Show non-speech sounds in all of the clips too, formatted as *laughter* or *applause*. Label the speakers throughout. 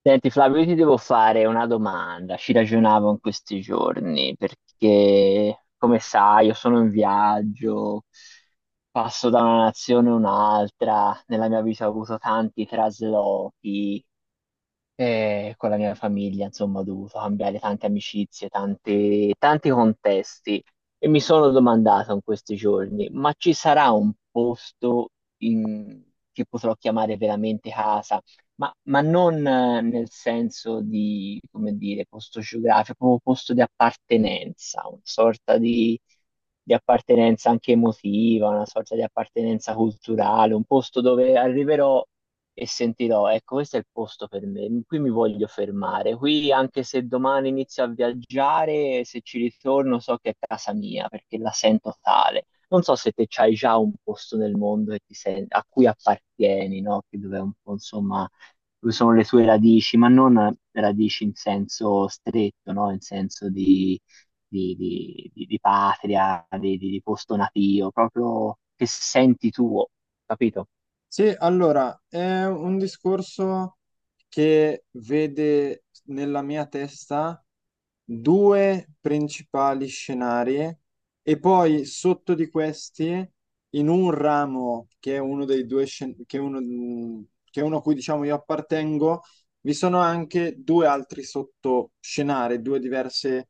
Speaker 1: Senti Flavio, io ti devo fare una domanda, ci ragionavo in questi giorni perché, come sai, io sono in viaggio, passo da una nazione a un'altra, nella mia vita ho avuto tanti traslochi e con la mia famiglia, insomma, ho dovuto cambiare tante amicizie, tanti, tanti contesti e mi sono domandato in questi giorni, ma ci sarà un posto in- che potrò chiamare veramente casa? Ma non nel senso di, come dire, posto geografico, proprio posto di appartenenza, una sorta di appartenenza anche emotiva, una sorta di appartenenza culturale, un posto dove arriverò e sentirò, ecco, questo è il posto per me, qui mi voglio fermare, qui anche se domani inizio a viaggiare, se ci ritorno so che è casa mia perché la sento tale. Non so se te c'hai già un posto nel mondo che a cui appartieni, no? Che dove è un po', insomma, dove sono le tue radici, ma non radici in senso stretto, no? In senso di, di patria, di posto natio, proprio che senti tuo, capito?
Speaker 2: Sì, allora, è un discorso che vede nella mia testa due principali scenari e poi sotto di questi, in un ramo che è uno dei due che è uno, che è uno a cui diciamo io appartengo, vi sono anche due altri sottoscenari, due diverse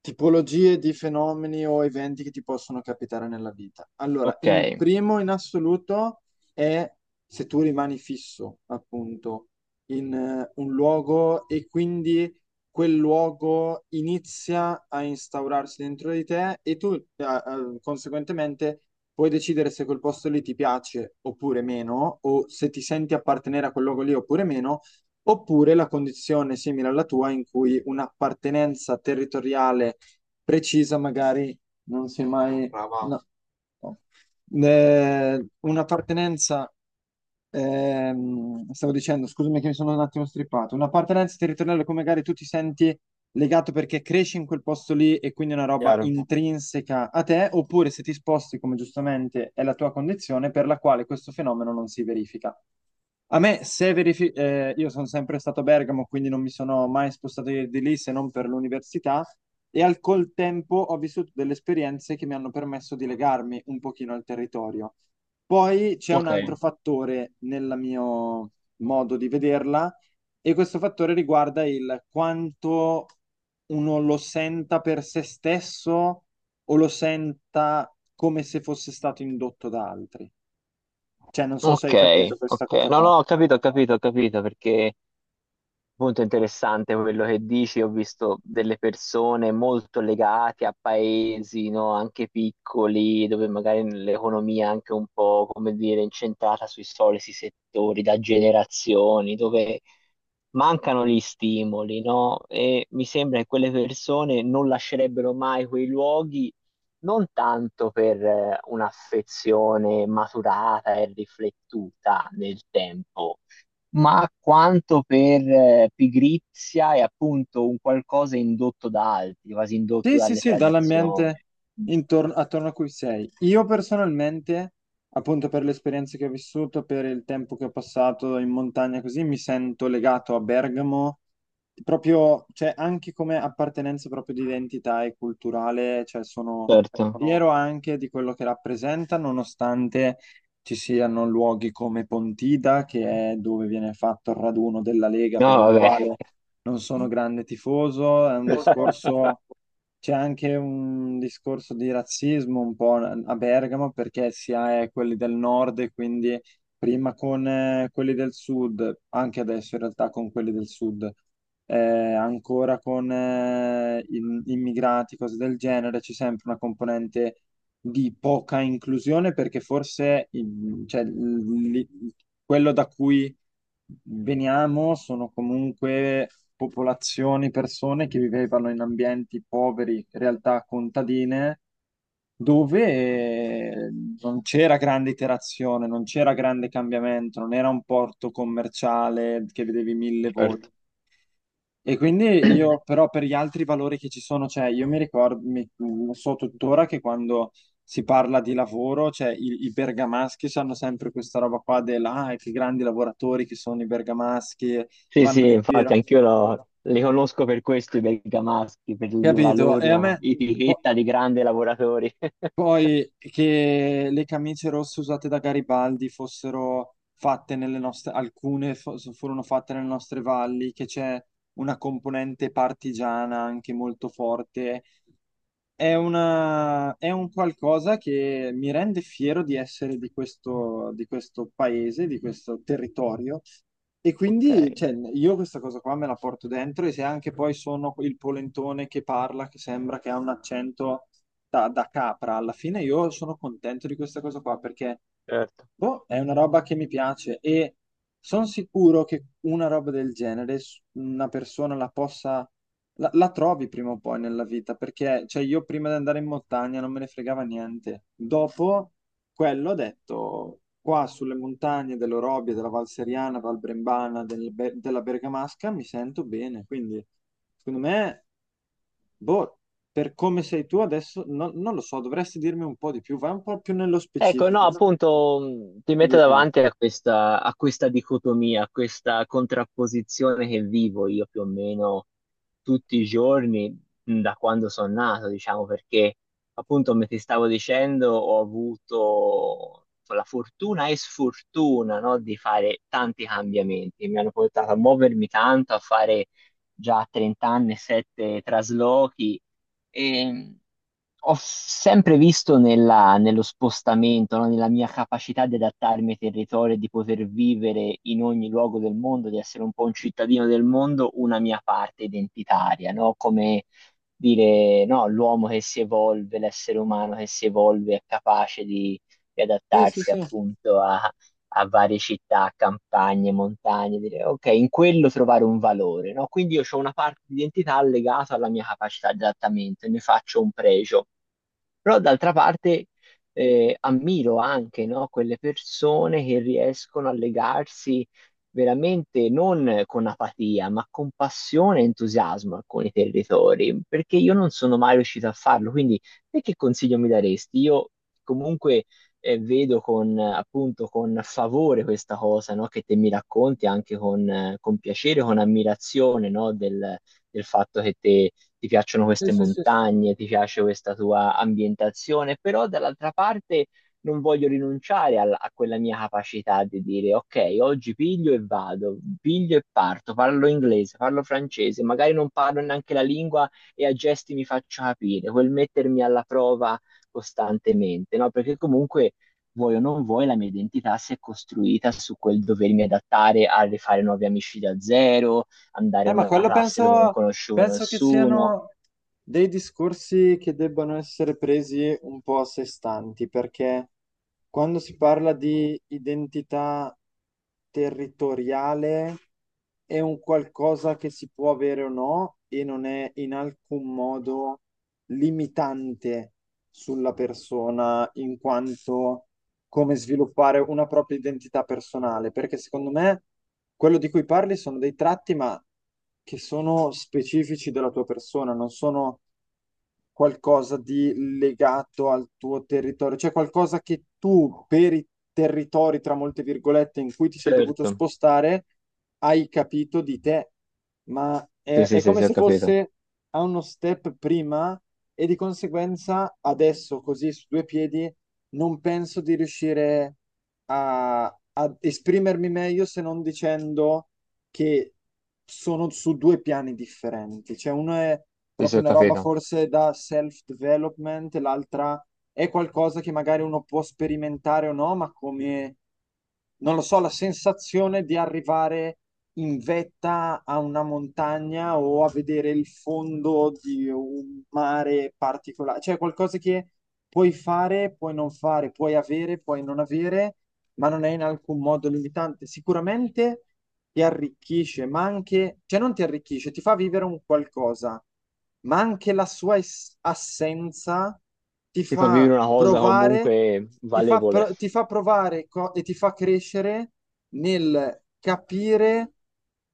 Speaker 2: tipologie di fenomeni o eventi che ti possono capitare nella vita. Allora,
Speaker 1: Ok.
Speaker 2: in primo in assoluto è se tu rimani fisso, appunto, in un luogo e quindi quel luogo inizia a instaurarsi dentro di te e tu, conseguentemente, puoi decidere se quel posto lì ti piace oppure meno, o se ti senti appartenere a quel luogo lì oppure meno, oppure la condizione simile alla tua in cui un'appartenenza territoriale precisa magari non si è mai... Brava. No. No. Eh, un'appartenenza, stavo dicendo, scusami che mi sono un attimo strippato, un'appartenenza territoriale come magari tu ti senti legato perché cresci in quel posto lì e quindi è una roba
Speaker 1: Chiaro.
Speaker 2: intrinseca a te, oppure se ti sposti, come giustamente è la tua condizione, per la quale questo fenomeno non si verifica. A me, se io sono sempre stato a Bergamo, quindi non mi sono mai spostato di lì se non per l'università e al col tempo ho vissuto delle esperienze che mi hanno permesso di legarmi un pochino al territorio. Poi c'è un
Speaker 1: Ok.
Speaker 2: altro fattore nel mio modo di vederla e questo fattore riguarda il quanto uno lo senta per se stesso o lo senta come se fosse stato indotto da altri. Cioè, non so se
Speaker 1: Ok,
Speaker 2: hai capito questa
Speaker 1: ok.
Speaker 2: cosa
Speaker 1: No,
Speaker 2: qua.
Speaker 1: no, ho capito, ho capito, ho capito, perché molto interessante quello che dici, ho visto delle persone molto legate a paesi, no, anche piccoli, dove magari l'economia è anche un po', come dire, incentrata sui soliti settori da generazioni, dove mancano gli stimoli, no? E mi sembra che quelle persone non lascerebbero mai quei luoghi, non tanto per un'affezione maturata e riflettuta nel tempo ma quanto per pigrizia e appunto un qualcosa indotto da altri, quasi indotto
Speaker 2: Sì, sì,
Speaker 1: dalle
Speaker 2: sì, dall'ambiente
Speaker 1: tradizioni.
Speaker 2: intorno, attorno a cui sei. Io personalmente, appunto per le esperienze che ho vissuto, per il tempo che ho passato in montagna così, mi sento legato a Bergamo, proprio, cioè anche come appartenenza proprio di identità e culturale, cioè sono
Speaker 1: Certo.
Speaker 2: fiero anche di quello che rappresenta, nonostante ci siano luoghi come Pontida, che è dove viene fatto il raduno della Lega,
Speaker 1: No,
Speaker 2: per la
Speaker 1: vabbè,
Speaker 2: quale non sono grande tifoso, è un
Speaker 1: *laughs*
Speaker 2: discorso, c'è anche un discorso di razzismo un po' a Bergamo perché si ha quelli del nord e quindi prima con quelli del sud, anche adesso in realtà con quelli del sud, ancora con immigrati, cose del genere, c'è sempre una componente di poca inclusione perché forse cioè, quello da cui veniamo sono comunque popolazioni, persone che vivevano in ambienti poveri, realtà contadine, dove non c'era grande iterazione, non c'era grande cambiamento, non era un porto commerciale che vedevi mille volte.
Speaker 1: certo.
Speaker 2: E quindi io però per gli altri valori che ci sono, cioè io mi ricordo, lo so tuttora che quando si parla di lavoro, cioè i bergamaschi hanno sempre questa roba qua della, ah, che grandi lavoratori che sono i bergamaschi,
Speaker 1: Sì,
Speaker 2: vanno
Speaker 1: sì,
Speaker 2: in giro,
Speaker 1: infatti anch'io li conosco per questo i bergamaschi, per la
Speaker 2: capito? E a me
Speaker 1: loro
Speaker 2: po-
Speaker 1: etichetta di grandi lavoratori. *laughs*
Speaker 2: poi che le camicie rosse usate da Garibaldi fossero fatte nelle nostre, alcune furono fatte nelle nostre valli, che c'è una componente partigiana anche molto forte. È una, è un qualcosa che mi rende fiero di essere di questo paese, di questo territorio. E
Speaker 1: Ok,
Speaker 2: quindi, cioè, io questa cosa qua me la porto dentro e se anche poi sono il polentone che parla, che sembra che ha un accento da capra, alla fine io sono contento di questa cosa qua perché
Speaker 1: certo.
Speaker 2: boh, è una roba che mi piace e sono sicuro che una roba del genere una persona la possa, la trovi prima o poi nella vita, perché cioè, io prima di andare in montagna non me ne fregava niente. Dopo quello ho detto, qua sulle montagne dell'Orobie, della Val Seriana, Val Brembana, della Bergamasca mi sento bene, quindi secondo me, boh, per come sei tu adesso, non lo so, dovresti dirmi un po' di più, vai un po' più nello
Speaker 1: Ecco, no,
Speaker 2: specifico su
Speaker 1: appunto ti metto
Speaker 2: di te.
Speaker 1: davanti a questa dicotomia, a questa contrapposizione che vivo io più o meno tutti i giorni da quando sono nato, diciamo, perché appunto come ti stavo dicendo ho avuto la fortuna e sfortuna, no, di fare tanti cambiamenti, mi hanno portato a muovermi tanto, a fare già a 30 anni 7 traslochi. E ho sempre visto nello spostamento, no? Nella mia capacità di adattarmi ai territori, e di poter vivere in ogni luogo del mondo, di essere un po' un cittadino del mondo, una mia parte identitaria, no? Come dire, no, l'uomo che si evolve, l'essere umano che si evolve è capace di
Speaker 2: Sì, sì,
Speaker 1: adattarsi
Speaker 2: sì,
Speaker 1: appunto a varie città, campagne, montagne, dire ok, in quello trovare un valore, no? Quindi io ho una parte di identità legata alla mia capacità di adattamento e ne faccio un pregio. Però d'altra parte ammiro anche, no, quelle persone che riescono a legarsi veramente non con apatia, ma con passione e entusiasmo a alcuni territori, perché io non sono mai riuscito a farlo. Quindi, te che consiglio mi daresti? Io comunque vedo con, appunto, con favore questa cosa, no, che te mi racconti anche con piacere, con ammirazione, no, del fatto che te ti piacciono
Speaker 2: sì,
Speaker 1: queste
Speaker 2: sì, sì.
Speaker 1: montagne, ti piace questa tua ambientazione, però dall'altra parte non voglio rinunciare a quella mia capacità di dire ok, oggi piglio e vado, piglio e parto, parlo inglese, parlo francese, magari non parlo neanche la lingua e a gesti mi faccio capire, quel mettermi alla prova costantemente, no? Perché comunque vuoi o non vuoi, la mia identità si è costruita su quel dovermi adattare a rifare nuovi amici da zero, andare in
Speaker 2: Ma
Speaker 1: una
Speaker 2: quello
Speaker 1: classe dove non
Speaker 2: penso,
Speaker 1: conoscevo
Speaker 2: penso che
Speaker 1: nessuno.
Speaker 2: siano dei discorsi che debbano essere presi un po' a sé stanti, perché quando si parla di identità territoriale è un qualcosa che si può avere o no e non è in alcun modo limitante sulla persona in quanto come sviluppare una propria identità personale, perché secondo me quello di cui parli sono dei tratti, ma che sono specifici della tua persona, non sono qualcosa di legato al tuo territorio, cioè qualcosa che tu per i territori, tra molte virgolette, in cui ti sei dovuto
Speaker 1: Certo,
Speaker 2: spostare, hai capito di te, ma
Speaker 1: sì, sì,
Speaker 2: è
Speaker 1: sì,
Speaker 2: come
Speaker 1: sì, ho
Speaker 2: se
Speaker 1: capito,
Speaker 2: fosse a uno step prima e di conseguenza adesso, così su due piedi, non penso di riuscire a esprimermi meglio se non dicendo che sono su due piani differenti. Cioè, uno è
Speaker 1: sì, sì,
Speaker 2: proprio
Speaker 1: ho
Speaker 2: una roba
Speaker 1: capito.
Speaker 2: forse da self-development, l'altra è qualcosa che magari uno può sperimentare o no, ma come, non lo so, la sensazione di arrivare in vetta a una montagna o a vedere il fondo di un mare particolare. Cioè, qualcosa che puoi fare, puoi non fare, puoi avere, puoi non avere ma non è in alcun modo limitante. Sicuramente ti arricchisce, ma anche, cioè non ti arricchisce, ti fa vivere un qualcosa, ma anche la sua assenza ti
Speaker 1: Ti fa
Speaker 2: fa
Speaker 1: vivere una cosa
Speaker 2: provare,
Speaker 1: comunque
Speaker 2: ti fa,
Speaker 1: valevole.
Speaker 2: ti fa provare e ti fa crescere nel capire.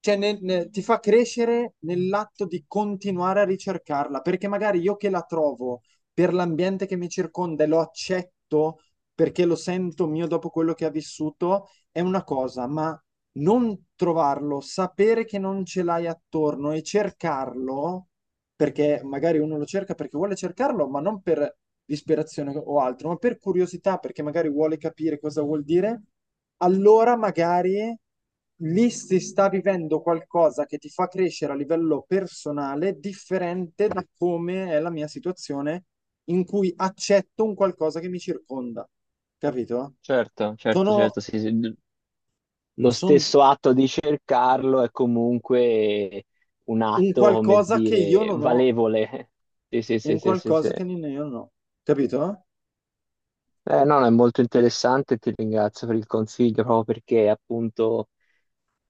Speaker 2: Cioè, ti fa crescere nell'atto di continuare a ricercarla, perché magari io che la trovo per l'ambiente che mi circonda e lo accetto, perché lo sento mio dopo quello che ha vissuto, è una cosa, ma non trovarlo, sapere che non ce l'hai attorno e cercarlo, perché magari uno lo cerca perché vuole cercarlo, ma non per disperazione o altro, ma per curiosità, perché magari vuole capire cosa vuol dire, allora magari lì si sta vivendo qualcosa che ti fa crescere a livello personale, differente da come è la mia situazione in cui accetto un qualcosa che mi circonda, capito?
Speaker 1: Certo, certo, certo,
Speaker 2: Sono,
Speaker 1: sì, sì. Lo
Speaker 2: son
Speaker 1: stesso atto di cercarlo è comunque un
Speaker 2: un
Speaker 1: atto, come
Speaker 2: qualcosa che io
Speaker 1: dire,
Speaker 2: non ho,
Speaker 1: valevole. Sì, sì, sì,
Speaker 2: un
Speaker 1: sì, sì, sì.
Speaker 2: qualcosa che io non ho, capito?
Speaker 1: No, no, è molto interessante e ti ringrazio per il consiglio, proprio perché appunto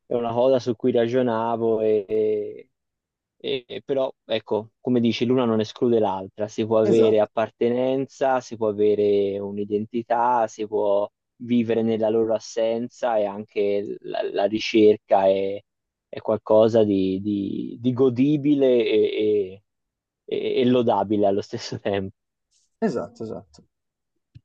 Speaker 1: è una cosa su cui ragionavo e, però ecco, come dici, l'una non esclude l'altra, si può avere
Speaker 2: Esatto,
Speaker 1: appartenenza, si può avere un'identità, si può vivere nella loro assenza e anche la ricerca è qualcosa di godibile e- e lodabile allo stesso *laughs* tempo.
Speaker 2: esatto, esatto.